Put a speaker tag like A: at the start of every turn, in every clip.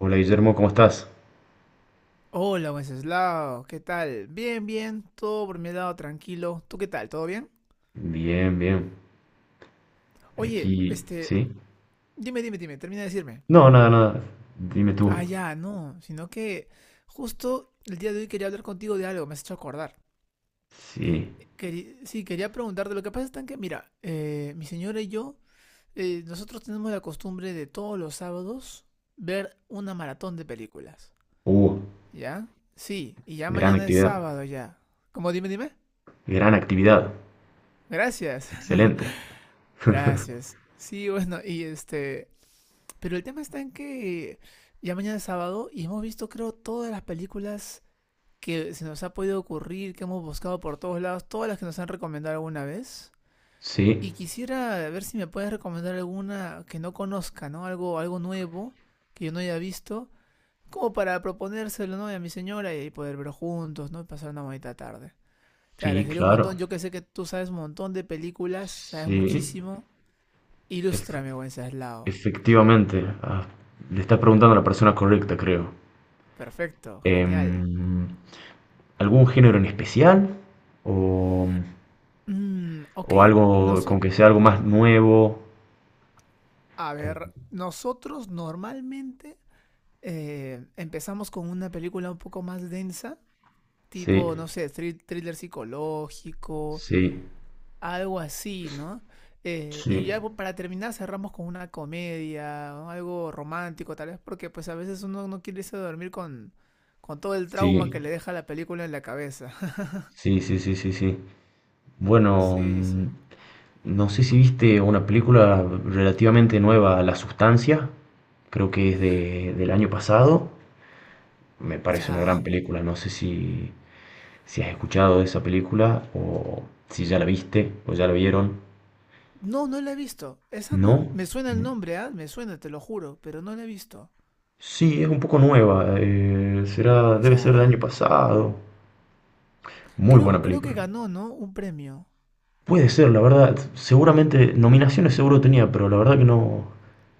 A: Hola, Guillermo, ¿cómo estás?
B: Hola, Wenceslao, ¿qué tal? Bien, bien, todo por mi lado, tranquilo. ¿Tú qué tal? ¿Todo bien?
A: Bien, bien.
B: Oye,
A: Aquí,
B: este,
A: ¿sí?
B: dime, dime, dime, termina de decirme.
A: No, nada, nada. Dime
B: Ah,
A: tú.
B: ya, no, sino que justo el día de hoy quería hablar contigo de algo, me has hecho acordar.
A: Sí.
B: Sí, quería preguntarte, lo que pasa es tan que, mira, mi señora y yo, nosotros tenemos la costumbre de todos los sábados ver una maratón de películas,
A: Uh,
B: ¿ya? Sí, y ya
A: gran
B: mañana es
A: actividad.
B: sábado ya. ¿Cómo dime, dime?
A: Gran actividad.
B: Gracias.
A: Excelente.
B: Gracias. Sí, bueno, y este, pero el tema está en que ya mañana es sábado y hemos visto, creo, todas las películas que se nos ha podido ocurrir, que hemos buscado por todos lados, todas las que nos han recomendado alguna vez.
A: Sí,
B: Y quisiera ver si me puedes recomendar alguna que no conozca, ¿no? Algo, algo nuevo que yo no haya visto, como para proponérselo, ¿no? Y a mi señora y ahí poder ver juntos, ¿no? Y pasar una bonita tarde. Te
A: sí,
B: agradecería un
A: claro.
B: montón. Yo que sé que tú sabes un montón de películas, sabes
A: Sí,
B: muchísimo.
A: ef-
B: Ilústrame, buen Ceslao.
A: efectivamente. Le estás preguntando a la persona correcta, creo.
B: Perfecto, genial.
A: Em, ¿Algún género en especial? ¿O,
B: Mm, ok,
A: ¿o algo con
B: nosotros,
A: que sea algo más nuevo?
B: a
A: Eh,
B: ver, nosotros normalmente empezamos con una película un poco más densa,
A: Sí,
B: tipo, no sé, thriller psicológico,
A: sí,
B: algo así, ¿no? Y
A: sí,
B: ya para terminar cerramos con una comedia, ¿no? Algo romántico tal vez, porque pues a veces uno no quiere irse a dormir con todo el trauma
A: sí.
B: que le deja la película en la cabeza.
A: Sí, sí, sí, sí, sí. Bueno,
B: Sí, sí.
A: no sé si viste una película relativamente nueva, La Sustancia, creo que es del año pasado. Me parece una gran
B: Ya,
A: película, no sé si, si has escuchado de esa película o si ya la viste o ya la vieron.
B: no, no la he visto. Esa no.
A: ¿No?
B: Me suena el nombre, ¿ah? Me suena, te lo juro, pero no la he visto.
A: Sí, es un poco nueva, será, debe ser del
B: Ya.
A: año pasado. Muy
B: Creo,
A: buena
B: creo que
A: película.
B: ganó, ¿no? Un premio.
A: Puede ser, la verdad. Seguramente, nominaciones seguro tenía, pero la verdad que no,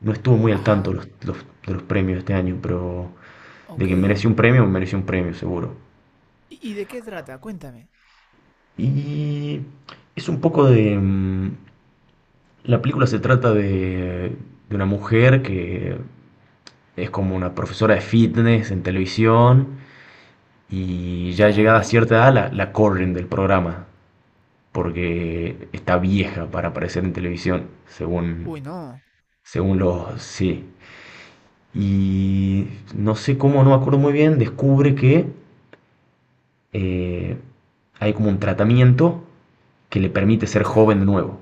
A: no estuve muy al tanto
B: Ajá.
A: de los premios este año, pero de
B: Ok.
A: que mereció un premio seguro.
B: Y de qué trata? Cuéntame.
A: Y es un poco de... la película se trata de una mujer que es como una profesora de fitness en televisión y ya llegada a
B: ¿Ya?
A: cierta edad la corren del programa porque está vieja para aparecer en televisión, según,
B: Uy, no.
A: según los... Sí, y no sé cómo, no me acuerdo muy bien, descubre que eh, hay como un tratamiento que le permite ser joven de
B: ¿Ya?
A: nuevo.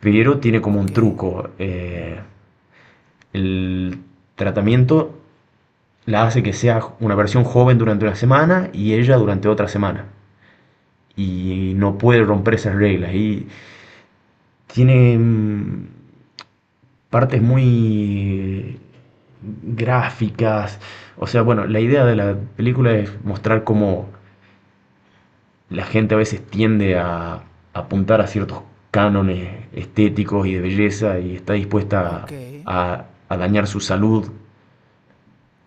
A: Pero tiene como
B: Ok.
A: un truco. El tratamiento la hace que sea una versión joven durante una semana y ella durante otra semana. Y no puede romper esas reglas. Y tiene partes muy gráficas. O sea, bueno, la idea de la película es mostrar cómo la gente a veces tiende a apuntar a ciertos cánones estéticos y de belleza y está dispuesta
B: Ok.
A: a dañar su salud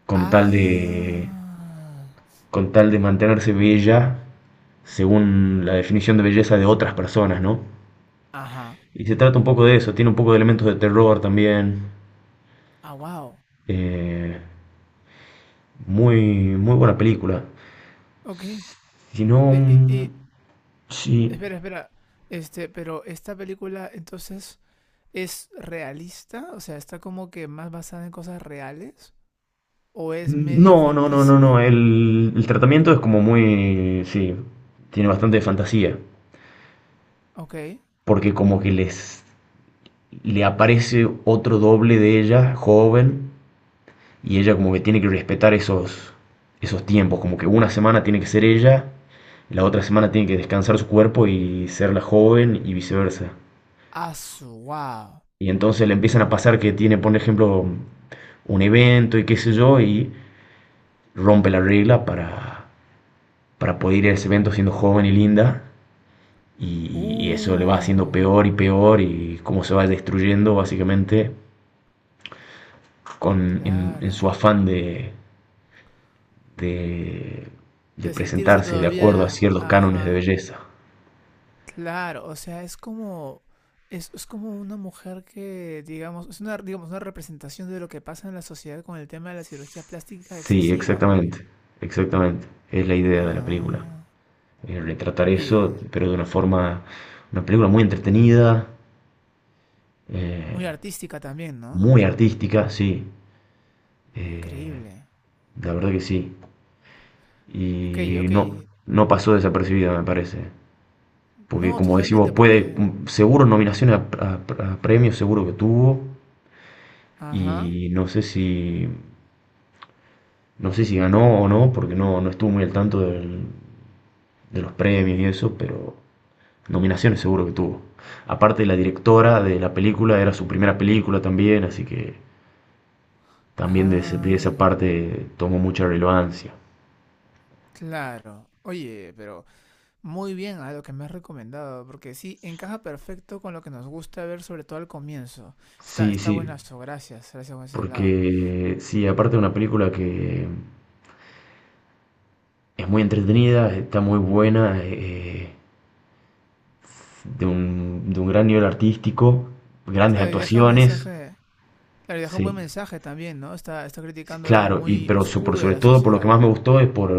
A: con tal de,
B: Ah.
A: con tal de mantenerse bella según la definición de belleza de otras personas, ¿no?
B: Ajá.
A: Y se trata un poco de eso, tiene un poco de elementos de terror también.
B: Ah, wow.
A: eh, Muy, muy buena película.
B: Ok. Y,
A: Si no,
B: y- y-
A: sí,
B: espera, espera. Este, pero esta película entonces es realista, o sea, está como que más basada en cosas reales, o es medio
A: no, no, no, no, no.
B: ficticia,
A: El tratamiento es como muy, sí, tiene bastante fantasía,
B: ¿ok?
A: porque como que les le aparece otro doble de ella, joven, y ella como que tiene que respetar esos tiempos, como que una semana tiene que ser ella, la otra semana tiene que descansar su cuerpo y ser la joven y viceversa.
B: Asu, wow.
A: Y entonces le empiezan a pasar que tiene, por ejemplo, un evento y qué sé yo, y rompe la regla para poder ir a ese evento siendo joven y linda y eso le va haciendo
B: Uh,
A: peor y peor y cómo se va destruyendo básicamente con, en su
B: claro.
A: afán de, de
B: De sentirse
A: presentarse de acuerdo a
B: todavía,
A: ciertos cánones de
B: ajá,
A: belleza.
B: claro, o sea, es como una mujer que, digamos, es una, digamos, una representación de lo que pasa en la sociedad con el tema de la cirugía plástica
A: Sí,
B: excesiva, ¿no?
A: exactamente, exactamente. Es la idea de la película.
B: Ah,
A: Retratar eso,
B: oye,
A: pero de una forma, una película muy entretenida, eh,
B: muy artística también, ¿no?
A: muy artística, sí. eh,
B: Increíble.
A: la verdad que sí.
B: Ok,
A: Y
B: ok,
A: no, no pasó desapercibida, me parece. Porque
B: no,
A: como decís vos,
B: totalmente,
A: puede,
B: porque,
A: seguro nominaciones a, a premios, seguro que tuvo,
B: ajá,
A: y no sé si, no sé si ganó o no, porque no, no estuvo muy al tanto de los premios y eso, pero nominaciones seguro que tuvo. Aparte, la directora de la película era su primera película también, así que también de, de esa
B: ah.
A: parte tomó mucha relevancia.
B: Claro. Oye, pero muy bien a lo que me has recomendado, porque sí, encaja perfecto con lo que nos gusta ver, sobre todo al comienzo.
A: Sí,
B: Está, está
A: sí,
B: buenazo, gracias, gracias por ese lado.
A: porque sí, aparte de una película que es muy entretenida, está muy buena, de un gran nivel artístico, grandes
B: Claro, y deja un
A: actuaciones,
B: mensaje, claro, y deja un buen
A: sí,
B: mensaje también, ¿no? Está, está
A: sí,
B: criticando algo
A: claro, y,
B: muy
A: pero por
B: oscuro de
A: sobre
B: la
A: todo por lo que
B: sociedad.
A: más me gustó es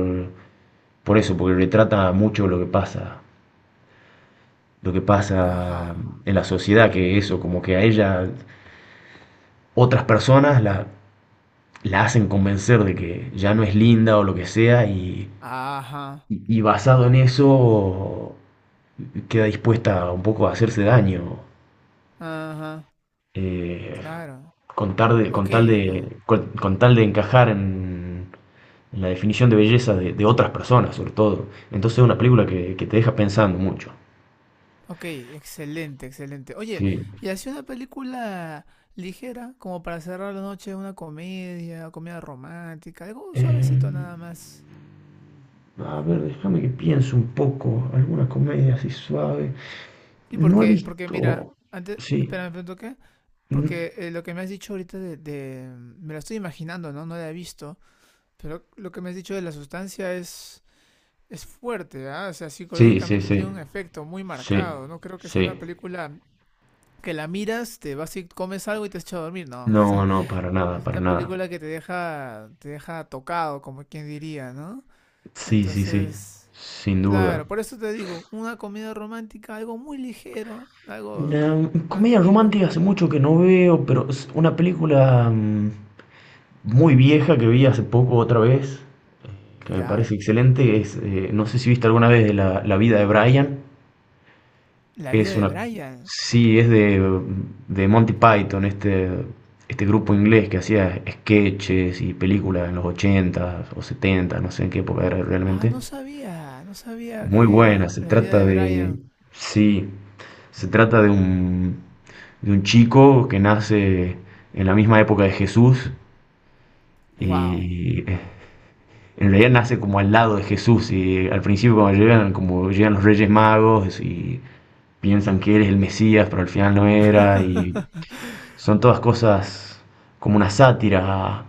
A: por eso, porque retrata mucho lo que pasa
B: Ajá,
A: en la sociedad, que eso, como que a ella otras personas la hacen convencer de que ya no es linda o lo que sea, y,
B: ajá,
A: y basado en eso queda dispuesta un poco a hacerse daño.
B: ajá,
A: Eh,
B: claro.
A: con,
B: Ok, ok.
A: con tal de encajar en la definición de belleza de otras personas, sobre todo. Entonces es una película que te deja pensando mucho.
B: Ok, excelente, excelente. Oye,
A: Sí.
B: y así una película ligera, como para cerrar la noche, una comedia, comedia romántica, algo suavecito
A: Eh,
B: nada más.
A: a ver, déjame que piense un poco. Alguna comedia así suave.
B: Y
A: No he
B: porque, porque mira,
A: visto.
B: antes,
A: Sí.
B: espérame, ¿me toqué?
A: n-
B: Porque lo que me has dicho ahorita de, me lo estoy imaginando, ¿no? No la he visto, pero lo que me has dicho de la sustancia es fuerte, ¿ah? O sea,
A: Sí, sí,
B: psicológicamente
A: sí.
B: tiene un efecto muy
A: Sí,
B: marcado, no creo que sea
A: sí.
B: una película que la miras, te vas y comes algo y te echas a dormir, no.
A: No, no, para nada,
B: Es
A: para
B: una
A: nada.
B: película que te deja tocado, como quien diría, ¿no?
A: Sí, sí, sí.
B: Entonces,
A: Sin duda.
B: claro, por eso te digo, una comedia romántica, algo muy ligero, algo
A: Una comedia
B: tranquilo.
A: romántica hace mucho que no veo, pero es una película muy vieja que vi hace poco otra vez, que me
B: ¿Ya?
A: parece excelente, es, no sé si viste alguna vez de la, la vida de Brian,
B: La vida
A: es
B: de
A: una,
B: Brian.
A: sí, es de Monty Python, este grupo inglés que hacía sketches y películas en los 80 o setenta, no sé en qué época era
B: Ah,
A: realmente.
B: no sabía, no sabía
A: Muy buena,
B: que
A: se
B: la vida
A: trata
B: de
A: de,
B: Brian.
A: sí, se trata de un chico que nace en la misma época de Jesús
B: Wow.
A: y... en realidad nace como al lado de Jesús y al principio cuando llegan, como llegan los Reyes Magos y piensan que él es el Mesías, pero al final no era y son todas cosas como una sátira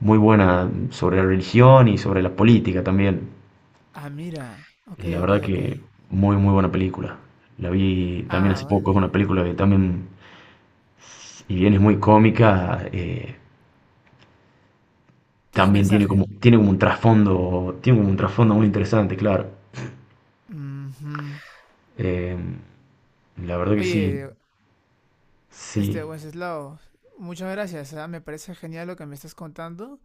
A: muy buena sobre la religión y sobre la política también.
B: Ah, mira. Ok,
A: La
B: ok,
A: verdad
B: ok.
A: que muy muy buena película. La vi también
B: Ah,
A: hace poco, es una
B: bueno.
A: película que también, si bien es muy cómica,
B: Tiene un
A: también
B: mensaje.
A: tiene como un trasfondo, tiene como un trasfondo muy interesante, claro.
B: Ujú.
A: Eh, la verdad que sí,
B: Oye, este,
A: sí,
B: Wenceslao, muchas gracias, ah, me parece genial lo que me estás contando.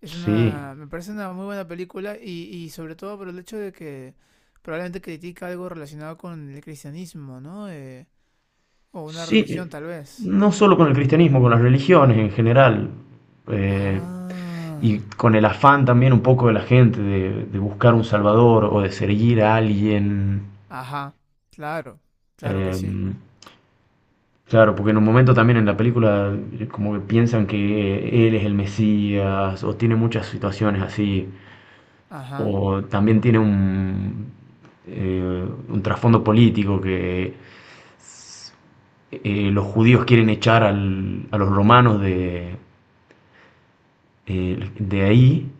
B: Es
A: sí,
B: una, me parece una muy buena película y sobre todo por el hecho de que probablemente critica algo relacionado con el cristianismo, ¿no? O una
A: sí,
B: religión tal vez.
A: no solo con el cristianismo, con las religiones en general, eh, y
B: Ah,
A: con el afán también un poco de la gente de buscar un salvador o de seguir a alguien.
B: ajá, claro, claro que
A: eh,
B: sí.
A: claro, porque en un momento también en la película como que piensan que él es el Mesías, o tiene muchas situaciones así,
B: Ajá,
A: o también tiene un trasfondo político que los judíos quieren echar a los romanos de ahí,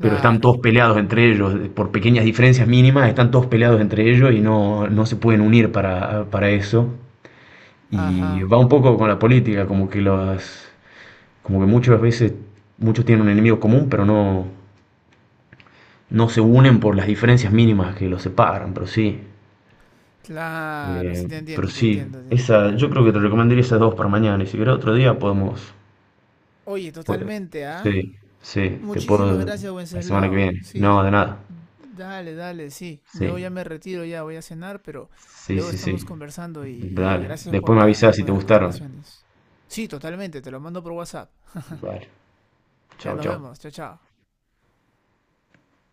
A: pero están todos peleados entre ellos, por pequeñas diferencias mínimas, están todos peleados entre ellos y no, no se pueden unir para eso. Y
B: ajá,
A: va un poco con la política, como que las, como que muchas veces muchos tienen un enemigo común, pero no, no se unen por las diferencias mínimas que los separan, pero sí.
B: claro, sí
A: eh,
B: te
A: pero
B: entiendo, te
A: sí,
B: entiendo, te entiendo.
A: esa, yo creo que te recomendaría esas dos para mañana y si querés otro día podemos...
B: Oye,
A: Pues,
B: totalmente, ¿ah?
A: sí, sí, te
B: Muchísimas
A: puedo
B: gracias,
A: la semana que
B: Wenceslao.
A: viene.
B: Sí,
A: No, de nada.
B: dale, dale, sí. Yo
A: Sí,
B: ya me retiro, ya voy a cenar, pero
A: sí,
B: luego
A: sí,
B: estamos
A: sí.
B: conversando y
A: Dale.
B: gracias por
A: Después me
B: la,
A: avisas si
B: por
A: te
B: las
A: gustaron.
B: recomendaciones. Sí, totalmente, te lo mando por WhatsApp.
A: Vale.
B: Ya
A: Chau,
B: nos
A: chau.
B: vemos, chao, chao.